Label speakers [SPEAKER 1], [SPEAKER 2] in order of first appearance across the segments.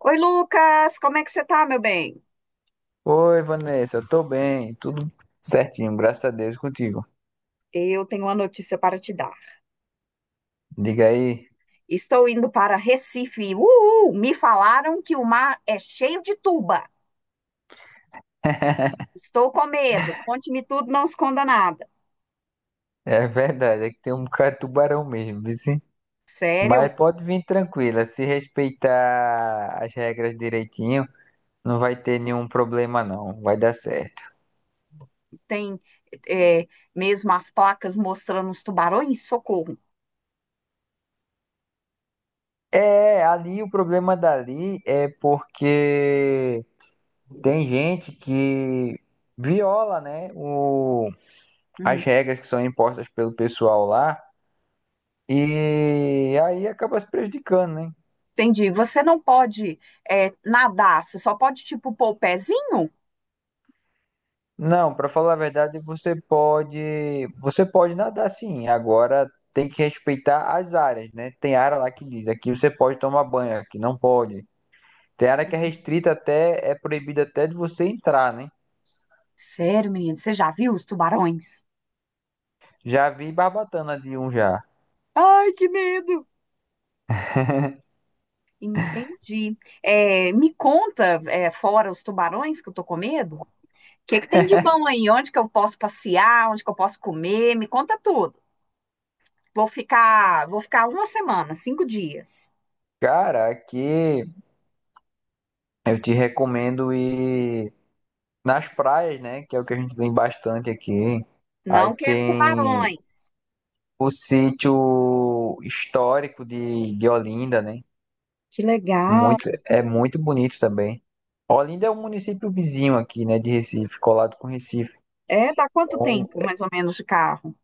[SPEAKER 1] Oi, Lucas, como é que você tá, meu bem?
[SPEAKER 2] Oi, Vanessa, tô bem, tudo certinho, graças a Deus e contigo.
[SPEAKER 1] Eu tenho uma notícia para te dar.
[SPEAKER 2] Diga aí.
[SPEAKER 1] Estou indo para Recife. Uhul! Me falaram que o mar é cheio de tuba. Estou com medo. Conte-me tudo, não esconda nada.
[SPEAKER 2] É verdade, é que tem um bocado de tubarão mesmo, viu, sim?
[SPEAKER 1] Sério?
[SPEAKER 2] Mas pode vir tranquila, se respeitar as regras direitinho, não vai ter nenhum problema não, vai dar certo.
[SPEAKER 1] Tem é, mesmo as placas mostrando os tubarões? Socorro.
[SPEAKER 2] É, ali o problema dali é porque tem gente que viola, né, as
[SPEAKER 1] Hum,
[SPEAKER 2] regras que são impostas pelo pessoal lá e aí acaba se prejudicando, né?
[SPEAKER 1] entendi. Você não pode nadar, você só pode, tipo, pôr o pezinho?
[SPEAKER 2] Não, para falar a verdade, você pode nadar sim. Agora tem que respeitar as áreas, né? Tem área lá que diz, aqui você pode tomar banho, aqui não pode. Tem área que é restrita até, é proibida até de você entrar, né?
[SPEAKER 1] Sério, menino, você já viu os tubarões?
[SPEAKER 2] Já vi barbatana de um já.
[SPEAKER 1] Ai, que medo! Entendi. É, me conta, fora os tubarões que eu tô com medo, o que que tem de bom aí? Onde que eu posso passear? Onde que eu posso comer? Me conta tudo. Vou ficar uma semana, cinco dias.
[SPEAKER 2] Cara, aqui eu te recomendo ir nas praias, né? Que é o que a gente tem bastante aqui. Aí
[SPEAKER 1] Não quero
[SPEAKER 2] tem
[SPEAKER 1] tubarões.
[SPEAKER 2] o sítio histórico de Olinda, né?
[SPEAKER 1] Que legal.
[SPEAKER 2] Muito, é muito bonito também. Olinda é um município vizinho aqui, né, de Recife, colado com Recife.
[SPEAKER 1] É, dá quanto
[SPEAKER 2] Então,
[SPEAKER 1] tempo, mais ou menos, de carro?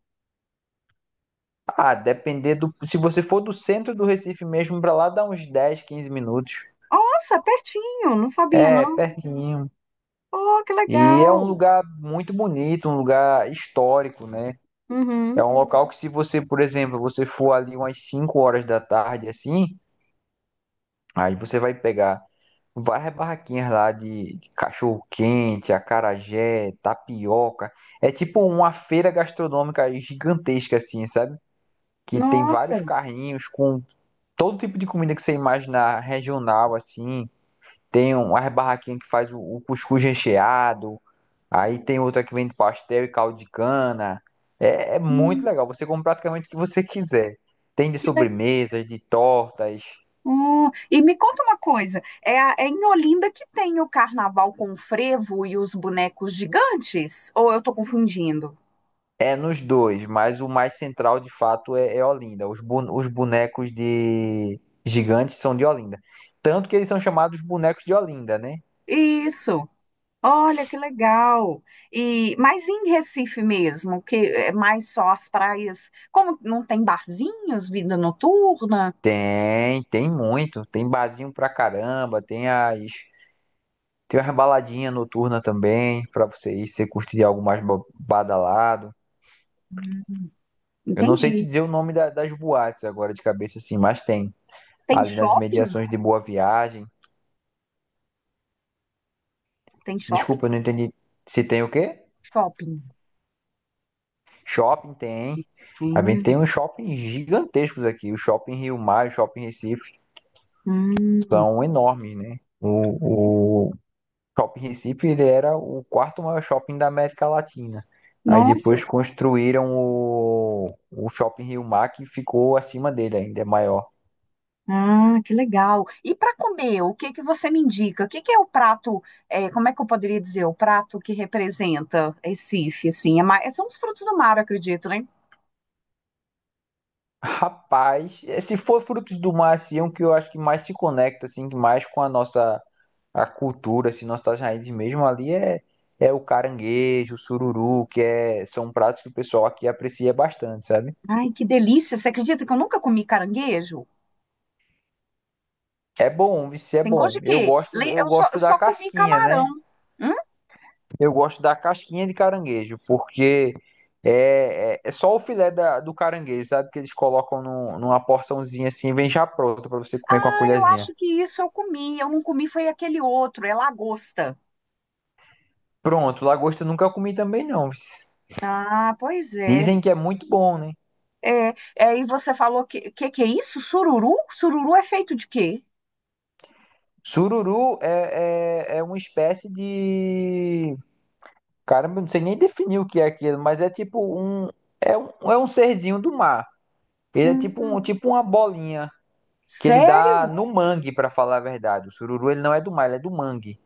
[SPEAKER 2] depender do. Se você for do centro do Recife mesmo, pra lá dá uns 10 15 minutos.
[SPEAKER 1] Nossa, pertinho. Não sabia, não.
[SPEAKER 2] É, pertinho.
[SPEAKER 1] Oh, que
[SPEAKER 2] E é um
[SPEAKER 1] legal.
[SPEAKER 2] lugar muito bonito, um lugar histórico, né? É
[SPEAKER 1] Uhum.
[SPEAKER 2] um local que, se você, por exemplo, você for ali umas 5 horas da tarde, assim, aí você vai pegar. Várias barraquinhas lá de cachorro-quente, acarajé, tapioca. É tipo uma feira gastronômica gigantesca, assim, sabe? Que tem
[SPEAKER 1] Nossa.
[SPEAKER 2] vários carrinhos com todo tipo de comida que você imaginar regional, assim. Tem uma barraquinha que faz o cuscuz recheado. Aí tem outra que vende pastel e caldo de cana. É, é muito
[SPEAKER 1] Hum,
[SPEAKER 2] legal. Você come praticamente o que você quiser. Tem de
[SPEAKER 1] que legal.
[SPEAKER 2] sobremesas, de tortas.
[SPEAKER 1] E me conta uma coisa, é em Olinda que tem o carnaval com o frevo e os bonecos gigantes? Ou eu estou confundindo?
[SPEAKER 2] É nos dois, mas o mais central de fato é, é Olinda. Os bonecos de gigantes são de Olinda. Tanto que eles são chamados bonecos de Olinda, né?
[SPEAKER 1] Isso. Olha que legal. E mas em Recife mesmo, que é mais só as praias, como não tem barzinhos, vida noturna?
[SPEAKER 2] Tem, tem muito. Tem barzinho pra caramba, tem as. Tem umas baladinhas noturnas também, pra você ir, se você curtir algo mais badalado.
[SPEAKER 1] Hum,
[SPEAKER 2] Eu não sei te
[SPEAKER 1] entendi.
[SPEAKER 2] dizer o nome das boates agora de cabeça, assim, mas tem.
[SPEAKER 1] Tem
[SPEAKER 2] Ali nas
[SPEAKER 1] shopping?
[SPEAKER 2] imediações de Boa Viagem.
[SPEAKER 1] Tem shopping?
[SPEAKER 2] Desculpa, eu não entendi. Se tem o quê?
[SPEAKER 1] Shopping.
[SPEAKER 2] Shopping tem. A gente tem
[SPEAKER 1] Hum,
[SPEAKER 2] uns shoppings gigantescos aqui. O Shopping Rio Mar, o Shopping Recife,
[SPEAKER 1] hum.
[SPEAKER 2] são enormes, né? O Shopping Recife, ele era o quarto maior shopping da América Latina. Aí depois
[SPEAKER 1] Nossa.
[SPEAKER 2] construíram o Shopping Rio Mar, que ficou acima dele ainda, é maior.
[SPEAKER 1] Ah, que legal. E para comer, o que que você me indica? O que que é o prato, como é que eu poderia dizer, o prato que representa Recife, assim? É mais, são os frutos do mar, eu acredito, né?
[SPEAKER 2] Rapaz, se for Frutos do Mar, assim, é um que eu acho que mais se conecta, assim, que mais com a nossa a cultura, assim, nossas raízes mesmo ali é o caranguejo, o sururu, que é, são pratos que o pessoal aqui aprecia bastante, sabe?
[SPEAKER 1] Ai, que delícia. Você acredita que eu nunca comi caranguejo?
[SPEAKER 2] É bom, vice é
[SPEAKER 1] Tem gosto
[SPEAKER 2] bom.
[SPEAKER 1] de quê?
[SPEAKER 2] Eu
[SPEAKER 1] Eu
[SPEAKER 2] gosto da
[SPEAKER 1] só comi
[SPEAKER 2] casquinha,
[SPEAKER 1] camarão.
[SPEAKER 2] né?
[SPEAKER 1] Hum?
[SPEAKER 2] Eu gosto da casquinha de caranguejo, porque é só o filé do caranguejo, sabe? Que eles colocam numa porçãozinha assim, vem já pronto pra você comer com a
[SPEAKER 1] Ah, eu
[SPEAKER 2] colherzinha.
[SPEAKER 1] acho que isso eu comi. Eu não comi foi aquele outro, é lagosta.
[SPEAKER 2] Pronto, lagosta eu nunca comi também não, vice.
[SPEAKER 1] Ah, pois é.
[SPEAKER 2] Dizem que é muito bom, né?
[SPEAKER 1] E você falou que é isso? Sururu? Sururu é feito de quê?
[SPEAKER 2] Sururu é uma espécie de. Caramba, eu não sei nem definir o que é aquilo, mas é tipo um. É um, é um serzinho do mar. Ele é tipo, um,
[SPEAKER 1] Hum,
[SPEAKER 2] tipo uma bolinha que ele
[SPEAKER 1] sério?
[SPEAKER 2] dá no mangue, pra falar a verdade. O sururu ele não é do mar, ele é do mangue.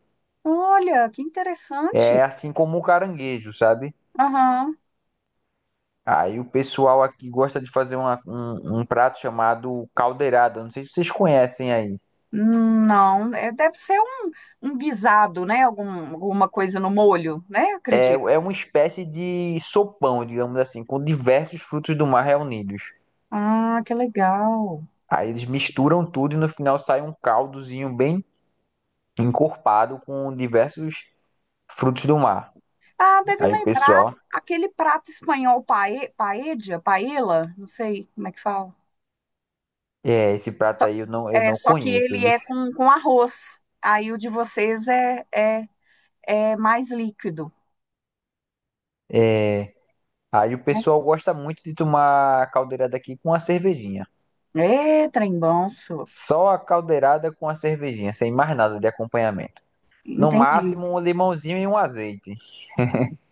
[SPEAKER 1] Olha, que
[SPEAKER 2] É
[SPEAKER 1] interessante.
[SPEAKER 2] assim como o caranguejo, sabe?
[SPEAKER 1] Aham.
[SPEAKER 2] Aí o pessoal aqui gosta de fazer um prato chamado caldeirada. Não sei se vocês conhecem aí.
[SPEAKER 1] Não, é, deve ser um guisado, né? Algum, alguma coisa no molho, né? Eu
[SPEAKER 2] É,
[SPEAKER 1] acredito.
[SPEAKER 2] é uma espécie de sopão, digamos assim, com diversos frutos do mar reunidos.
[SPEAKER 1] Ah, que legal.
[SPEAKER 2] Aí eles misturam tudo e no final sai um caldozinho bem encorpado com diversos frutos do mar.
[SPEAKER 1] Ah, deve
[SPEAKER 2] Aí o
[SPEAKER 1] lembrar
[SPEAKER 2] pessoal,
[SPEAKER 1] aquele prato espanhol paella, paella, não sei como é que fala.
[SPEAKER 2] é, esse prato aí eu
[SPEAKER 1] É,
[SPEAKER 2] não
[SPEAKER 1] só que
[SPEAKER 2] conheço,
[SPEAKER 1] ele
[SPEAKER 2] viu?
[SPEAKER 1] é com arroz. Aí o de vocês é mais líquido,
[SPEAKER 2] É. Aí o
[SPEAKER 1] né?
[SPEAKER 2] pessoal gosta muito de tomar a caldeirada aqui com a cervejinha.
[SPEAKER 1] É, trem bom, só.
[SPEAKER 2] Só a caldeirada com a cervejinha, sem mais nada de acompanhamento. No
[SPEAKER 1] Entendi.
[SPEAKER 2] máximo um limãozinho e um azeite.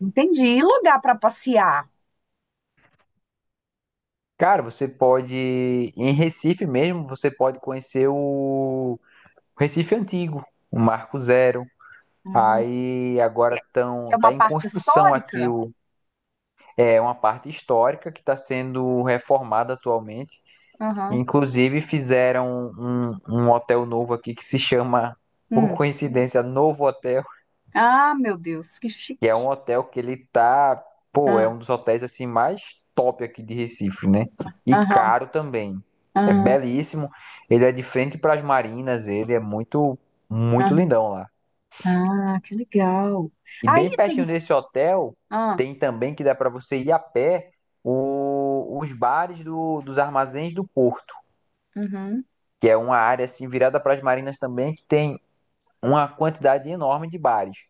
[SPEAKER 1] Entendi. E lugar para passear?
[SPEAKER 2] Cara, você pode, em Recife mesmo, você pode conhecer o Recife Antigo, o Marco Zero.
[SPEAKER 1] Ah.
[SPEAKER 2] Aí
[SPEAKER 1] Que
[SPEAKER 2] agora
[SPEAKER 1] é, que
[SPEAKER 2] tão,
[SPEAKER 1] é
[SPEAKER 2] tá
[SPEAKER 1] uma
[SPEAKER 2] em
[SPEAKER 1] parte
[SPEAKER 2] construção aqui
[SPEAKER 1] histórica.
[SPEAKER 2] o, é uma parte histórica que está sendo reformada atualmente.
[SPEAKER 1] Aham.
[SPEAKER 2] Inclusive fizeram um, um hotel novo aqui que se chama, por
[SPEAKER 1] Hum.
[SPEAKER 2] coincidência, Novo Hotel,
[SPEAKER 1] Ah, meu Deus, que
[SPEAKER 2] que é
[SPEAKER 1] chique.
[SPEAKER 2] um hotel que ele tá, pô, é
[SPEAKER 1] Ah,
[SPEAKER 2] um dos hotéis assim mais top aqui de Recife, né? E
[SPEAKER 1] aham,
[SPEAKER 2] caro também. É
[SPEAKER 1] ah,
[SPEAKER 2] belíssimo. Ele é de frente para as marinas, ele é muito, muito
[SPEAKER 1] aham.
[SPEAKER 2] lindão lá.
[SPEAKER 1] Ah, que legal.
[SPEAKER 2] E
[SPEAKER 1] Aí
[SPEAKER 2] bem pertinho
[SPEAKER 1] tem.
[SPEAKER 2] desse hotel
[SPEAKER 1] Ah,
[SPEAKER 2] tem também que dá para você ir a pé os bares dos armazéns do Porto,
[SPEAKER 1] uhum,
[SPEAKER 2] que é uma área assim virada para as marinas também que tem uma quantidade enorme de bares,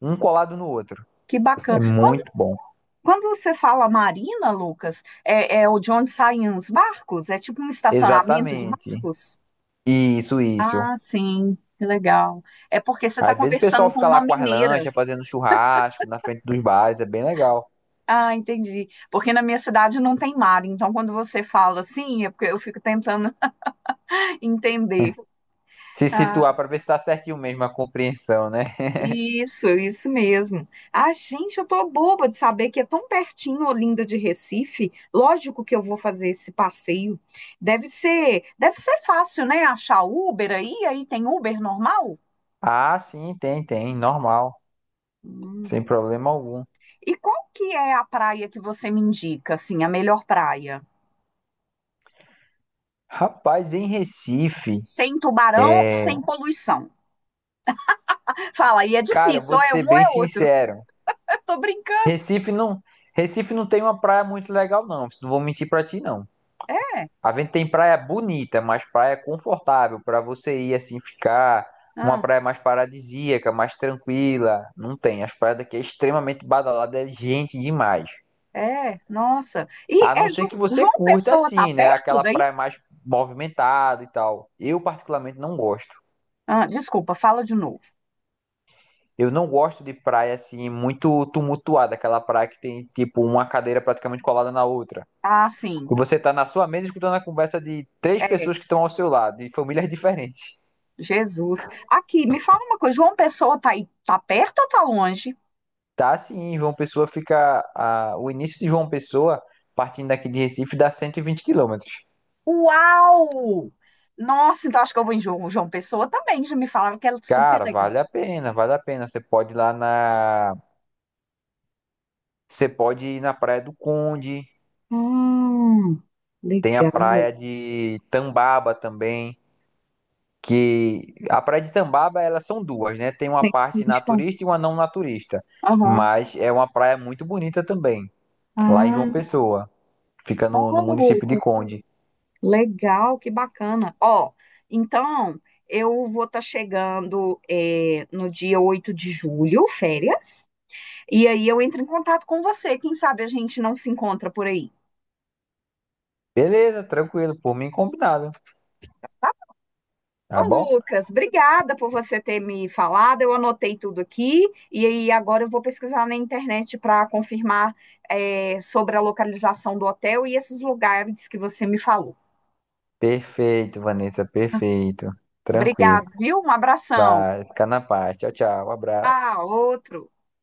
[SPEAKER 2] um colado no outro.
[SPEAKER 1] que bacana.
[SPEAKER 2] É muito bom.
[SPEAKER 1] Quando você fala marina, Lucas, é o de onde saem os barcos? É tipo um estacionamento de
[SPEAKER 2] Exatamente.
[SPEAKER 1] barcos?
[SPEAKER 2] Isso, isso.
[SPEAKER 1] Ah, sim, que legal. É porque você está
[SPEAKER 2] Às vezes o pessoal
[SPEAKER 1] conversando com
[SPEAKER 2] fica lá
[SPEAKER 1] uma
[SPEAKER 2] com as
[SPEAKER 1] mineira.
[SPEAKER 2] lanchas, fazendo churrasco na frente dos bares, é bem legal.
[SPEAKER 1] Ah, entendi. Porque na minha cidade não tem mar, então quando você fala assim, é porque eu fico tentando entender.
[SPEAKER 2] Se
[SPEAKER 1] Ah,
[SPEAKER 2] situar para ver se tá certinho mesmo a compreensão, né?
[SPEAKER 1] isso mesmo. Ah, gente, eu tô boba de saber que é tão pertinho Olinda de Recife. Lógico que eu vou fazer esse passeio. Deve ser fácil, né? Achar Uber aí, aí tem Uber normal?
[SPEAKER 2] Ah, sim, tem, tem, normal,
[SPEAKER 1] Hum.
[SPEAKER 2] sem problema algum.
[SPEAKER 1] E qual que é a praia que você me indica, assim, a melhor praia?
[SPEAKER 2] Rapaz, em Recife,
[SPEAKER 1] Sem tubarão e
[SPEAKER 2] é...
[SPEAKER 1] sem poluição. Fala, aí é
[SPEAKER 2] cara, eu
[SPEAKER 1] difícil,
[SPEAKER 2] vou
[SPEAKER 1] ou
[SPEAKER 2] te
[SPEAKER 1] é um
[SPEAKER 2] ser
[SPEAKER 1] ou
[SPEAKER 2] bem
[SPEAKER 1] é outro.
[SPEAKER 2] sincero.
[SPEAKER 1] Eu tô brincando.
[SPEAKER 2] Recife não, Recife não tem uma praia muito legal não, não vou mentir para ti não.
[SPEAKER 1] É,
[SPEAKER 2] A gente tem praia bonita, mas praia confortável para você ir assim ficar. Uma
[SPEAKER 1] ah,
[SPEAKER 2] praia mais paradisíaca, mais tranquila. Não tem. As praias daqui é extremamente badalada, é gente demais.
[SPEAKER 1] nossa.
[SPEAKER 2] A
[SPEAKER 1] E
[SPEAKER 2] não
[SPEAKER 1] é
[SPEAKER 2] ser que você
[SPEAKER 1] João
[SPEAKER 2] curta
[SPEAKER 1] Pessoa tá
[SPEAKER 2] assim, né?
[SPEAKER 1] perto
[SPEAKER 2] Aquela
[SPEAKER 1] daí?
[SPEAKER 2] praia mais movimentada e tal. Eu particularmente não gosto.
[SPEAKER 1] Ah, desculpa, fala de novo.
[SPEAKER 2] Eu não gosto de praia assim muito tumultuada, aquela praia que tem tipo uma cadeira praticamente colada na outra.
[SPEAKER 1] Ah,
[SPEAKER 2] E
[SPEAKER 1] sim.
[SPEAKER 2] você tá na sua mesa escutando a conversa de três
[SPEAKER 1] É,
[SPEAKER 2] pessoas que estão ao seu lado, de famílias diferentes.
[SPEAKER 1] Jesus. Aqui, me fala uma coisa. João Pessoa tá aí, tá perto ou tá longe?
[SPEAKER 2] Tá sim, em João Pessoa fica. O início de João Pessoa, partindo daqui de Recife, dá 120 quilômetros.
[SPEAKER 1] Uau! Nossa, então acho que eu vou em João Pessoa também. Já me falava que é super
[SPEAKER 2] Cara,
[SPEAKER 1] legal.
[SPEAKER 2] vale a pena, vale a pena. Você pode ir lá na. Você pode ir na Praia do Conde,
[SPEAKER 1] Hum,
[SPEAKER 2] tem a
[SPEAKER 1] legal.
[SPEAKER 2] praia de Tambaba também. Que a praia de Tambaba, elas são duas, né? Tem uma parte
[SPEAKER 1] 120.
[SPEAKER 2] naturista e uma não naturista.
[SPEAKER 1] Aham.
[SPEAKER 2] Mas é uma praia muito bonita também, lá em João
[SPEAKER 1] Ah,
[SPEAKER 2] Pessoa. Fica no, no
[SPEAKER 1] olha,
[SPEAKER 2] município de
[SPEAKER 1] Lucas.
[SPEAKER 2] Conde.
[SPEAKER 1] Legal, que bacana. Ó, então, eu vou estar chegando no dia 8 de julho, férias. E aí eu entro em contato com você. Quem sabe a gente não se encontra por aí.
[SPEAKER 2] Beleza, tranquilo, por mim combinado,
[SPEAKER 1] Ô,
[SPEAKER 2] tá bom?
[SPEAKER 1] Lucas, obrigada por você ter me falado. Eu anotei tudo aqui e aí agora eu vou pesquisar na internet para confirmar sobre a localização do hotel e esses lugares que você me falou.
[SPEAKER 2] Perfeito, Vanessa, perfeito. Tranquilo.
[SPEAKER 1] Obrigada, viu? Um abração.
[SPEAKER 2] Vai, fica na paz. Tchau, tchau. Um
[SPEAKER 1] Ah,
[SPEAKER 2] abraço.
[SPEAKER 1] outro.